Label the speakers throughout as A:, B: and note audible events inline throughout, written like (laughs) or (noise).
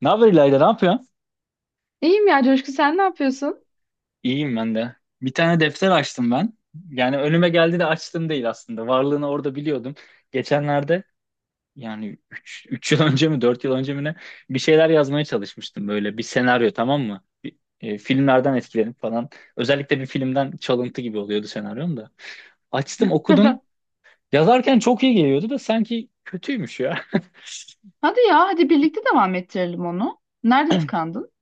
A: Ne haber İlayda, ne yapıyorsun?
B: İyiyim ya Coşku, sen ne yapıyorsun?
A: İyiyim ben de. Bir tane defter açtım ben. Yani önüme geldi de açtım değil aslında. Varlığını orada biliyordum. Geçenlerde yani üç yıl (laughs) önce mi 4 yıl önce mi ne bir şeyler yazmaya çalışmıştım, böyle bir senaryo, tamam mı? Bir, filmlerden etkilenip falan. Özellikle bir filmden çalıntı gibi oluyordu senaryom da. Açtım, okudum.
B: (laughs)
A: Yazarken çok iyi geliyordu da sanki kötüymüş ya. (laughs)
B: Hadi ya, hadi birlikte devam ettirelim onu. Nerede tıkandın?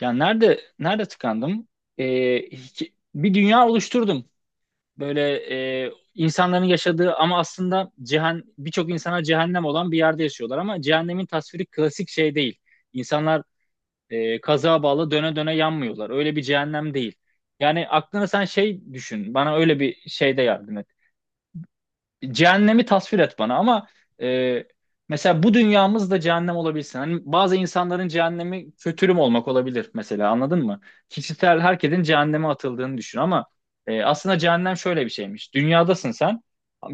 A: Yani nerede tıkandım? Bir dünya oluşturdum, böyle, insanların yaşadığı ama aslında birçok insana cehennem olan bir yerde yaşıyorlar, ama cehennemin tasviri klasik şey değil. İnsanlar, kazığa bağlı döne döne yanmıyorlar. Öyle bir cehennem değil. Yani aklına sen şey düşün. Bana öyle bir şeyde yardım et. Cehennemi tasvir et bana ama, e, mesela bu dünyamız da cehennem olabilsin. Hani bazı insanların cehennemi kötürüm olmak olabilir mesela, anladın mı? Kişisel herkesin cehenneme atıldığını düşün ama, aslında cehennem şöyle bir şeymiş. Dünyadasın sen.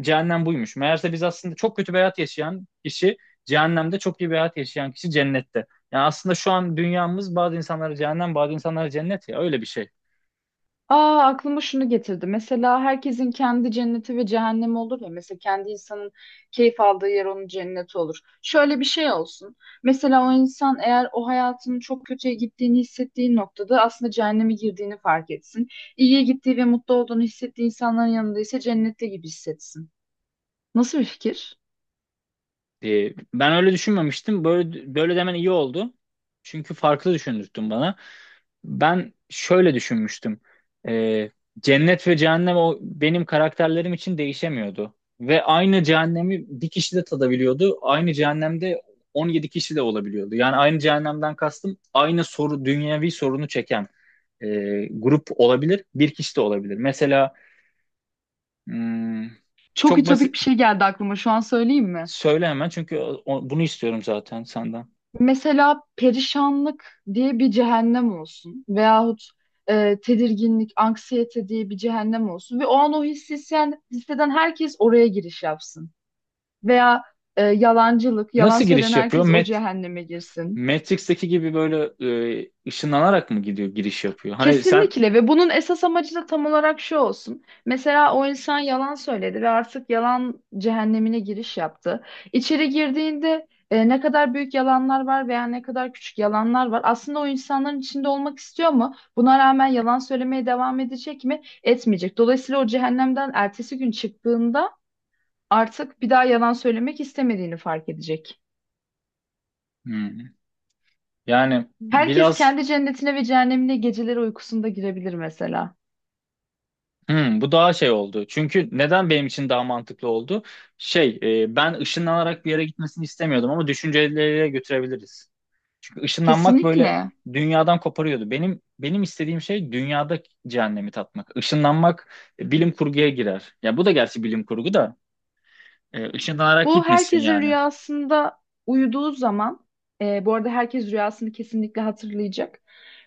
A: Cehennem buymuş. Meğerse biz aslında çok kötü bir hayat yaşayan kişi cehennemde, çok iyi bir hayat yaşayan kişi cennette. Yani aslında şu an dünyamız bazı insanlara cehennem, bazı insanlara cennet, ya öyle bir şey.
B: Aa, aklıma şunu getirdi. Mesela herkesin kendi cenneti ve cehennemi olur ya. Mesela kendi insanın keyif aldığı yer onun cenneti olur. Şöyle bir şey olsun. Mesela o insan eğer o hayatının çok kötüye gittiğini hissettiği noktada aslında cehenneme girdiğini fark etsin. İyiye gittiği ve mutlu olduğunu hissettiği insanların yanında ise cennette gibi hissetsin. Nasıl bir fikir?
A: Ben öyle düşünmemiştim. Böyle böyle demen iyi oldu. Çünkü farklı düşündürttün bana. Ben şöyle düşünmüştüm. Ee, Cennet ve cehennem o benim karakterlerim için değişemiyordu. Ve aynı cehennemi bir kişi de tadabiliyordu. Aynı cehennemde 17 kişi de olabiliyordu. Yani aynı cehennemden kastım, aynı soru, dünyevi sorunu çeken, e, grup olabilir. Bir kişi de olabilir. Mesela, hmm,
B: Çok
A: çok
B: ütopik
A: basit.
B: bir şey geldi aklıma. Şu an söyleyeyim mi?
A: Söyle hemen, çünkü bunu istiyorum zaten senden.
B: Mesela perişanlık diye bir cehennem olsun veyahut tedirginlik, anksiyete diye bir cehennem olsun ve o an o hissi hisseden herkes oraya giriş yapsın. Veya yalancılık, yalan
A: Nasıl
B: söyleyen
A: giriş yapıyor?
B: herkes o cehenneme girsin.
A: Matrix'teki gibi böyle, ışınlanarak mı gidiyor, giriş yapıyor? Hani sen.
B: Kesinlikle, ve bunun esas amacı da tam olarak şu olsun. Mesela o insan yalan söyledi ve artık yalan cehennemine giriş yaptı. İçeri girdiğinde ne kadar büyük yalanlar var veya ne kadar küçük yalanlar var. Aslında o insanların içinde olmak istiyor mu? Buna rağmen yalan söylemeye devam edecek mi? Etmeyecek. Dolayısıyla o cehennemden ertesi gün çıktığında artık bir daha yalan söylemek istemediğini fark edecek.
A: Hmm. Yani
B: Herkes
A: biraz.
B: kendi cennetine ve cehennemine geceleri uykusunda girebilir mesela.
A: Bu daha şey oldu. Çünkü neden benim için daha mantıklı oldu? Şey, ben ışınlanarak bir yere gitmesini istemiyordum ama düşünceleriyle götürebiliriz. Çünkü ışınlanmak böyle
B: Kesinlikle.
A: dünyadan koparıyordu. Benim istediğim şey dünyada cehennemi tatmak. Işınlanmak bilim kurguya girer. Ya bu da gerçi bilim kurgu da, ışınlanarak
B: Bu
A: gitmesin
B: herkesin
A: yani.
B: rüyasında uyuduğu zaman, bu arada herkes rüyasını kesinlikle hatırlayacak.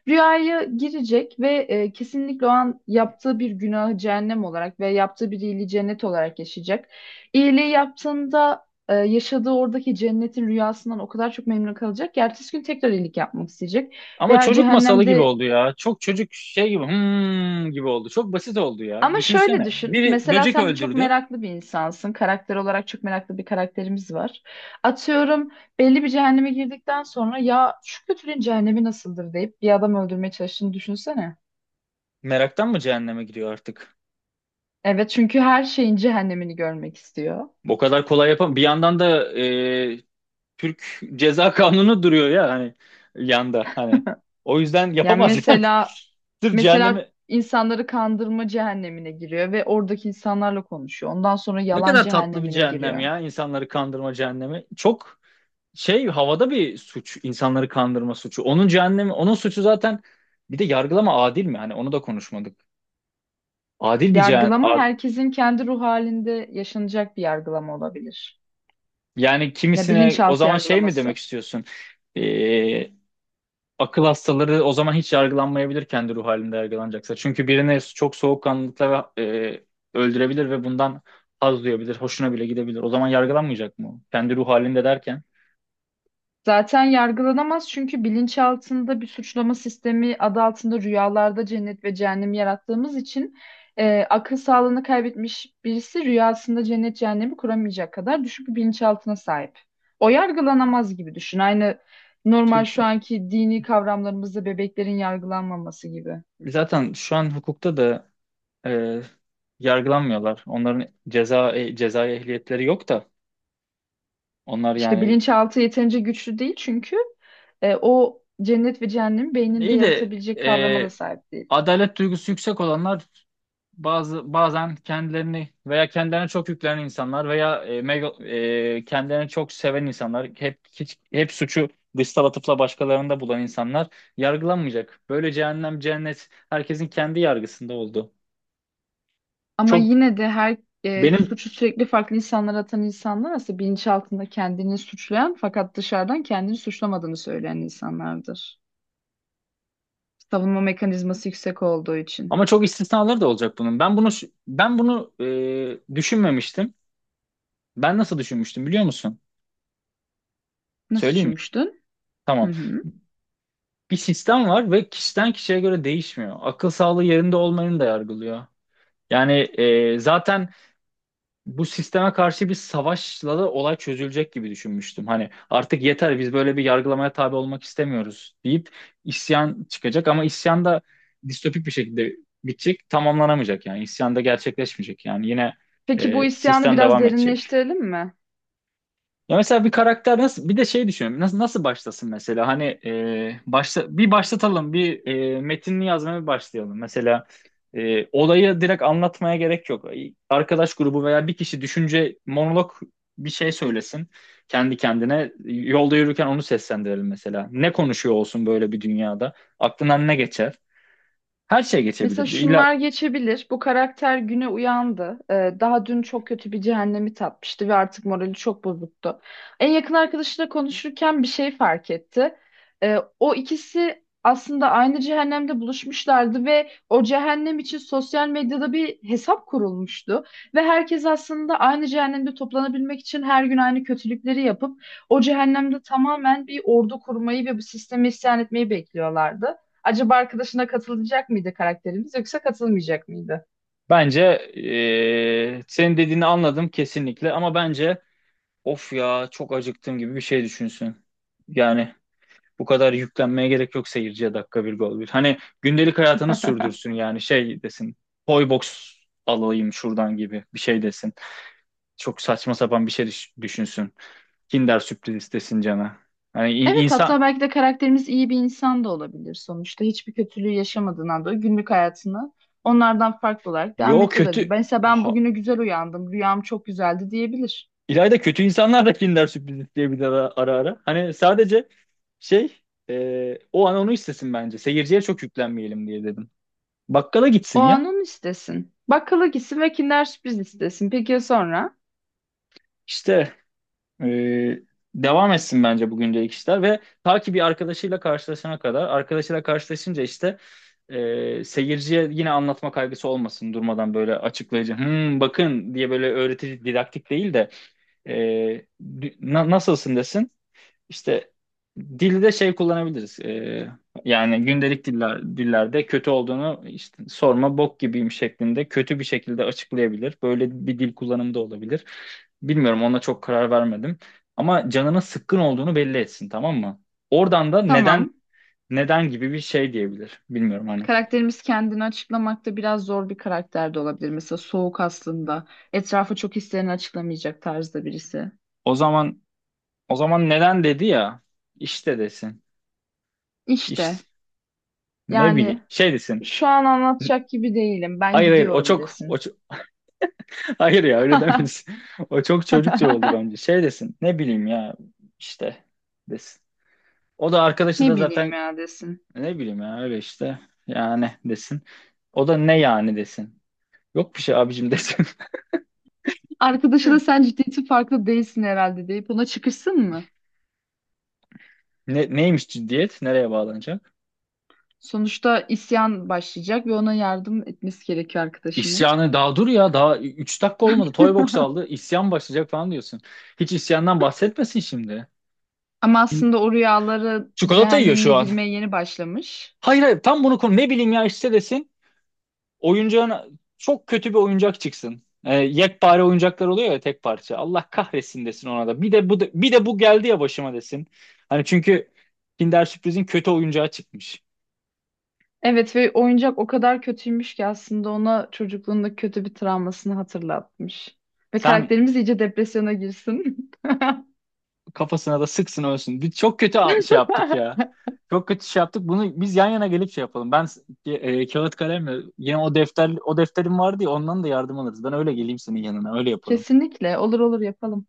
B: Rüyaya girecek ve kesinlikle o an yaptığı bir günahı cehennem olarak ve yaptığı bir iyiliği cennet olarak yaşayacak. İyiliği yaptığında yaşadığı oradaki cennetin rüyasından o kadar çok memnun kalacak ki ertesi gün tekrar iyilik yapmak isteyecek.
A: Ama
B: Veya
A: çocuk masalı gibi
B: cehennemde.
A: oldu ya. Çok çocuk şey gibi, gibi oldu. Çok basit oldu ya.
B: Ama şöyle
A: Düşünsene.
B: düşün.
A: Biri
B: Mesela
A: böcek
B: sen çok
A: öldürdü.
B: meraklı bir insansın. Karakter olarak çok meraklı bir karakterimiz var. Atıyorum, belli bir cehenneme girdikten sonra ya şu kötülüğün cehennemi nasıldır deyip bir adam öldürmeye çalıştığını düşünsene.
A: Meraktan mı cehenneme giriyor artık?
B: Evet, çünkü her şeyin cehennemini görmek istiyor.
A: O kadar kolay yapam. Bir yandan da, Türk Ceza (laughs) Kanunu duruyor ya, hani yanda hani. O yüzden
B: Yani
A: yapamaz (laughs) yani.
B: mesela,
A: Sırf cehennemi,
B: insanları kandırma cehennemine giriyor ve oradaki insanlarla konuşuyor. Ondan sonra
A: ne
B: yalan
A: kadar tatlı bir
B: cehennemine
A: cehennem
B: giriyor.
A: ya, insanları kandırma cehennemi. Çok şey, havada bir suç, insanları kandırma suçu. Onun cehennemi, onun suçu zaten. Bir de yargılama adil mi? Hani onu da konuşmadık. Adil bir
B: Yargılama herkesin kendi ruh halinde yaşanacak bir yargılama olabilir.
A: yani
B: Ya,
A: kimisine o
B: bilinçaltı
A: zaman şey mi demek
B: yargılaması.
A: istiyorsun? Ee, Akıl hastaları o zaman hiç yargılanmayabilir, kendi ruh halinde yargılanacaksa. Çünkü birini çok soğukkanlılıkla ve, öldürebilir ve bundan haz duyabilir, hoşuna bile gidebilir. O zaman yargılanmayacak mı, o? Kendi ruh halinde derken.
B: Zaten yargılanamaz çünkü bilinçaltında bir suçlama sistemi adı altında rüyalarda cennet ve cehennem yarattığımız için akıl sağlığını kaybetmiş birisi rüyasında cennet cehennemi kuramayacak kadar düşük bir bilinçaltına sahip. O yargılanamaz gibi düşün. Aynı normal
A: Türk,
B: şu anki dini kavramlarımızda bebeklerin yargılanmaması gibi.
A: zaten şu an hukukta da, e, yargılanmıyorlar. Onların cezai ehliyetleri yok da, onlar
B: İşte
A: yani.
B: bilinçaltı yeterince güçlü değil çünkü o cennet ve cehennemi beyninde
A: İyi de,
B: yaratabilecek kavrama da sahip değil.
A: adalet duygusu yüksek olanlar, bazen kendilerini veya kendilerine çok yüklenen insanlar, veya, kendilerini çok seven insanlar, hep hiç hep suçu dışsal atıfla başkalarında bulan insanlar yargılanmayacak. Böyle cehennem cennet herkesin kendi yargısında oldu.
B: Ama
A: Çok
B: yine de her
A: benim
B: suçu sürekli farklı insanlara atan insanlar aslında bilinçaltında kendini suçlayan fakat dışarıdan kendini suçlamadığını söyleyen insanlardır. Savunma mekanizması yüksek olduğu için.
A: Ama çok istisnaları da olacak bunun. Ben bunu düşünmemiştim. Ben nasıl düşünmüştüm, biliyor musun?
B: Nasıl
A: Söyleyeyim mi?
B: düşünmüştün?
A: Tamam.
B: Hı hı.
A: Bir sistem var ve kişiden kişiye göre değişmiyor. Akıl sağlığı yerinde olmayanı da yargılıyor. Yani zaten bu sisteme karşı bir savaşla da olay çözülecek gibi düşünmüştüm. Hani artık yeter, biz böyle bir yargılamaya tabi olmak istemiyoruz deyip isyan çıkacak, ama isyan da distopik bir şekilde bitecek, tamamlanamayacak, yani isyan da gerçekleşmeyecek. Yani yine
B: Peki, bu isyanı
A: sistem
B: biraz
A: devam edecek.
B: derinleştirelim mi?
A: Ya mesela, bir karakter nasıl, bir de şey düşünüyorum, nasıl başlasın mesela, hani, e, başla bir başlatalım, bir, metinli yazmaya bir başlayalım mesela, olayı direkt anlatmaya gerek yok, arkadaş grubu veya bir kişi, düşünce monolog, bir şey söylesin, kendi kendine yolda yürürken onu seslendirelim mesela, ne konuşuyor olsun böyle bir dünyada, aklından ne geçer, her şey
B: Mesela
A: geçebilirdi, İlla
B: şunlar geçebilir. Bu karakter güne uyandı. Daha dün çok kötü bir cehennemi tatmıştı ve artık morali çok bozuktu. En yakın arkadaşıyla konuşurken bir şey fark etti. O ikisi aslında aynı cehennemde buluşmuşlardı ve o cehennem için sosyal medyada bir hesap kurulmuştu. Ve herkes aslında aynı cehennemde toplanabilmek için her gün aynı kötülükleri yapıp o cehennemde tamamen bir ordu kurmayı ve bu sisteme isyan etmeyi bekliyorlardı. Acaba arkadaşına katılacak mıydı karakterimiz, yoksa katılmayacak mıydı?
A: bence, senin dediğini anladım kesinlikle, ama bence, "Of ya, çok acıktım" gibi bir şey düşünsün. Yani bu kadar yüklenmeye gerek yok seyirciye, dakika bir gol bir. Hani gündelik hayatını sürdürsün,
B: (laughs)
A: yani şey desin. "Toy box alayım şuradan" gibi bir şey desin. Çok saçma sapan bir şey düşünsün. Kinder sürpriz istesin cana. Hani,
B: Evet,
A: insan,
B: hatta belki de karakterimiz iyi bir insan da olabilir sonuçta. Hiçbir kötülüğü yaşamadığından dolayı günlük hayatını onlardan farklı olarak devam
A: yo,
B: ediyor olabilir.
A: kötü.
B: Mesela ben
A: Aha.
B: bugünü güzel uyandım, rüyam çok güzeldi diyebilir.
A: İlayda, kötü insanlar da Kinder sürpriz isteyebilir ara ara. Hani sadece şey, o an onu istesin bence. Seyirciye çok yüklenmeyelim diye dedim. Bakkala gitsin
B: O an
A: ya.
B: onu istesin. Bakkala gitsin ve Kinder Sürpriz istesin. Peki ya sonra?
A: İşte. Ee, Devam etsin bence bu gündelik işler, ve ta ki bir arkadaşıyla karşılaşana kadar. Arkadaşıyla karşılaşınca işte, seyirciye yine anlatma kaygısı olmasın durmadan, böyle açıklayıcı, "Hmm, bakın" diye, böyle öğretici didaktik değil de, e, "Nasılsın?" desin işte. Dilde şey kullanabiliriz. Yani gündelik dillerde kötü olduğunu işte, "sorma, bok gibiyim" şeklinde kötü bir şekilde açıklayabilir. Böyle bir dil kullanımı da olabilir. Bilmiyorum, ona çok karar vermedim. Ama canının sıkkın olduğunu belli etsin, tamam mı? Oradan da "neden
B: Tamam.
A: neden" gibi bir şey diyebilir. Bilmiyorum hani.
B: Karakterimiz kendini açıklamakta biraz zor bir karakter de olabilir. Mesela soğuk aslında. Etrafı çok hislerini açıklamayacak tarzda birisi.
A: O zaman o zaman neden dedi ya, işte desin. İşte,
B: İşte.
A: ne
B: Yani
A: bileyim, şey desin.
B: şu an anlatacak gibi değilim. Ben
A: Hayır hayır, o
B: gidiyorum
A: çok o
B: desin.
A: çok Hayır ya, öyle
B: (laughs)
A: demesin. (laughs) O çok çocukça oldu bence. Şey desin, ne bileyim ya, işte desin. O da, arkadaşı da
B: Ne bileyim
A: zaten,
B: ya desin.
A: "ne bileyim ya, öyle işte, yani" desin. O da, "ne yani" desin. "Yok bir şey abicim" desin. (laughs)
B: Arkadaşı da sen ciddiyeti farklı değilsin herhalde deyip ona çıkışsın mı?
A: Neymiş ciddiyet? Nereye bağlanacak?
B: Sonuçta isyan başlayacak ve ona yardım etmesi gerekiyor arkadaşının.
A: İsyanı daha dur ya, daha 3 dakika olmadı. Toybox
B: (laughs)
A: aldı, isyan başlayacak falan diyorsun. Hiç isyandan bahsetmesin şimdi.
B: Ama aslında o rüyaları
A: Çikolata yiyor
B: cehennemine
A: şu an.
B: girmeye yeni başlamış.
A: (laughs) Hayır hayır, tam bunu konu, "ne bileyim ya işte" desin. Oyuncağın çok kötü bir oyuncak çıksın. Yekpare oyuncaklar oluyor ya, tek parça. "Allah kahretsin" desin ona da. Bir de bu geldi ya başıma" desin. Hani çünkü Kinder Sürpriz'in kötü oyuncağı çıkmış.
B: Evet, ve oyuncak o kadar kötüymüş ki aslında ona çocukluğunda kötü bir travmasını hatırlatmış. Ve
A: Sen,
B: karakterimiz iyice depresyona girsin.
A: kafasına da sıksın, ölsün. Biz çok kötü şey yaptık
B: (laughs)
A: ya. Çok kötü şey yaptık. Bunu biz yan yana gelip şey yapalım. Ben, kağıt kalemle, yine o defterim vardı ya, ondan da yardım alırız. Ben öyle geleyim senin yanına. Öyle yapalım.
B: Kesinlikle, olur olur yapalım.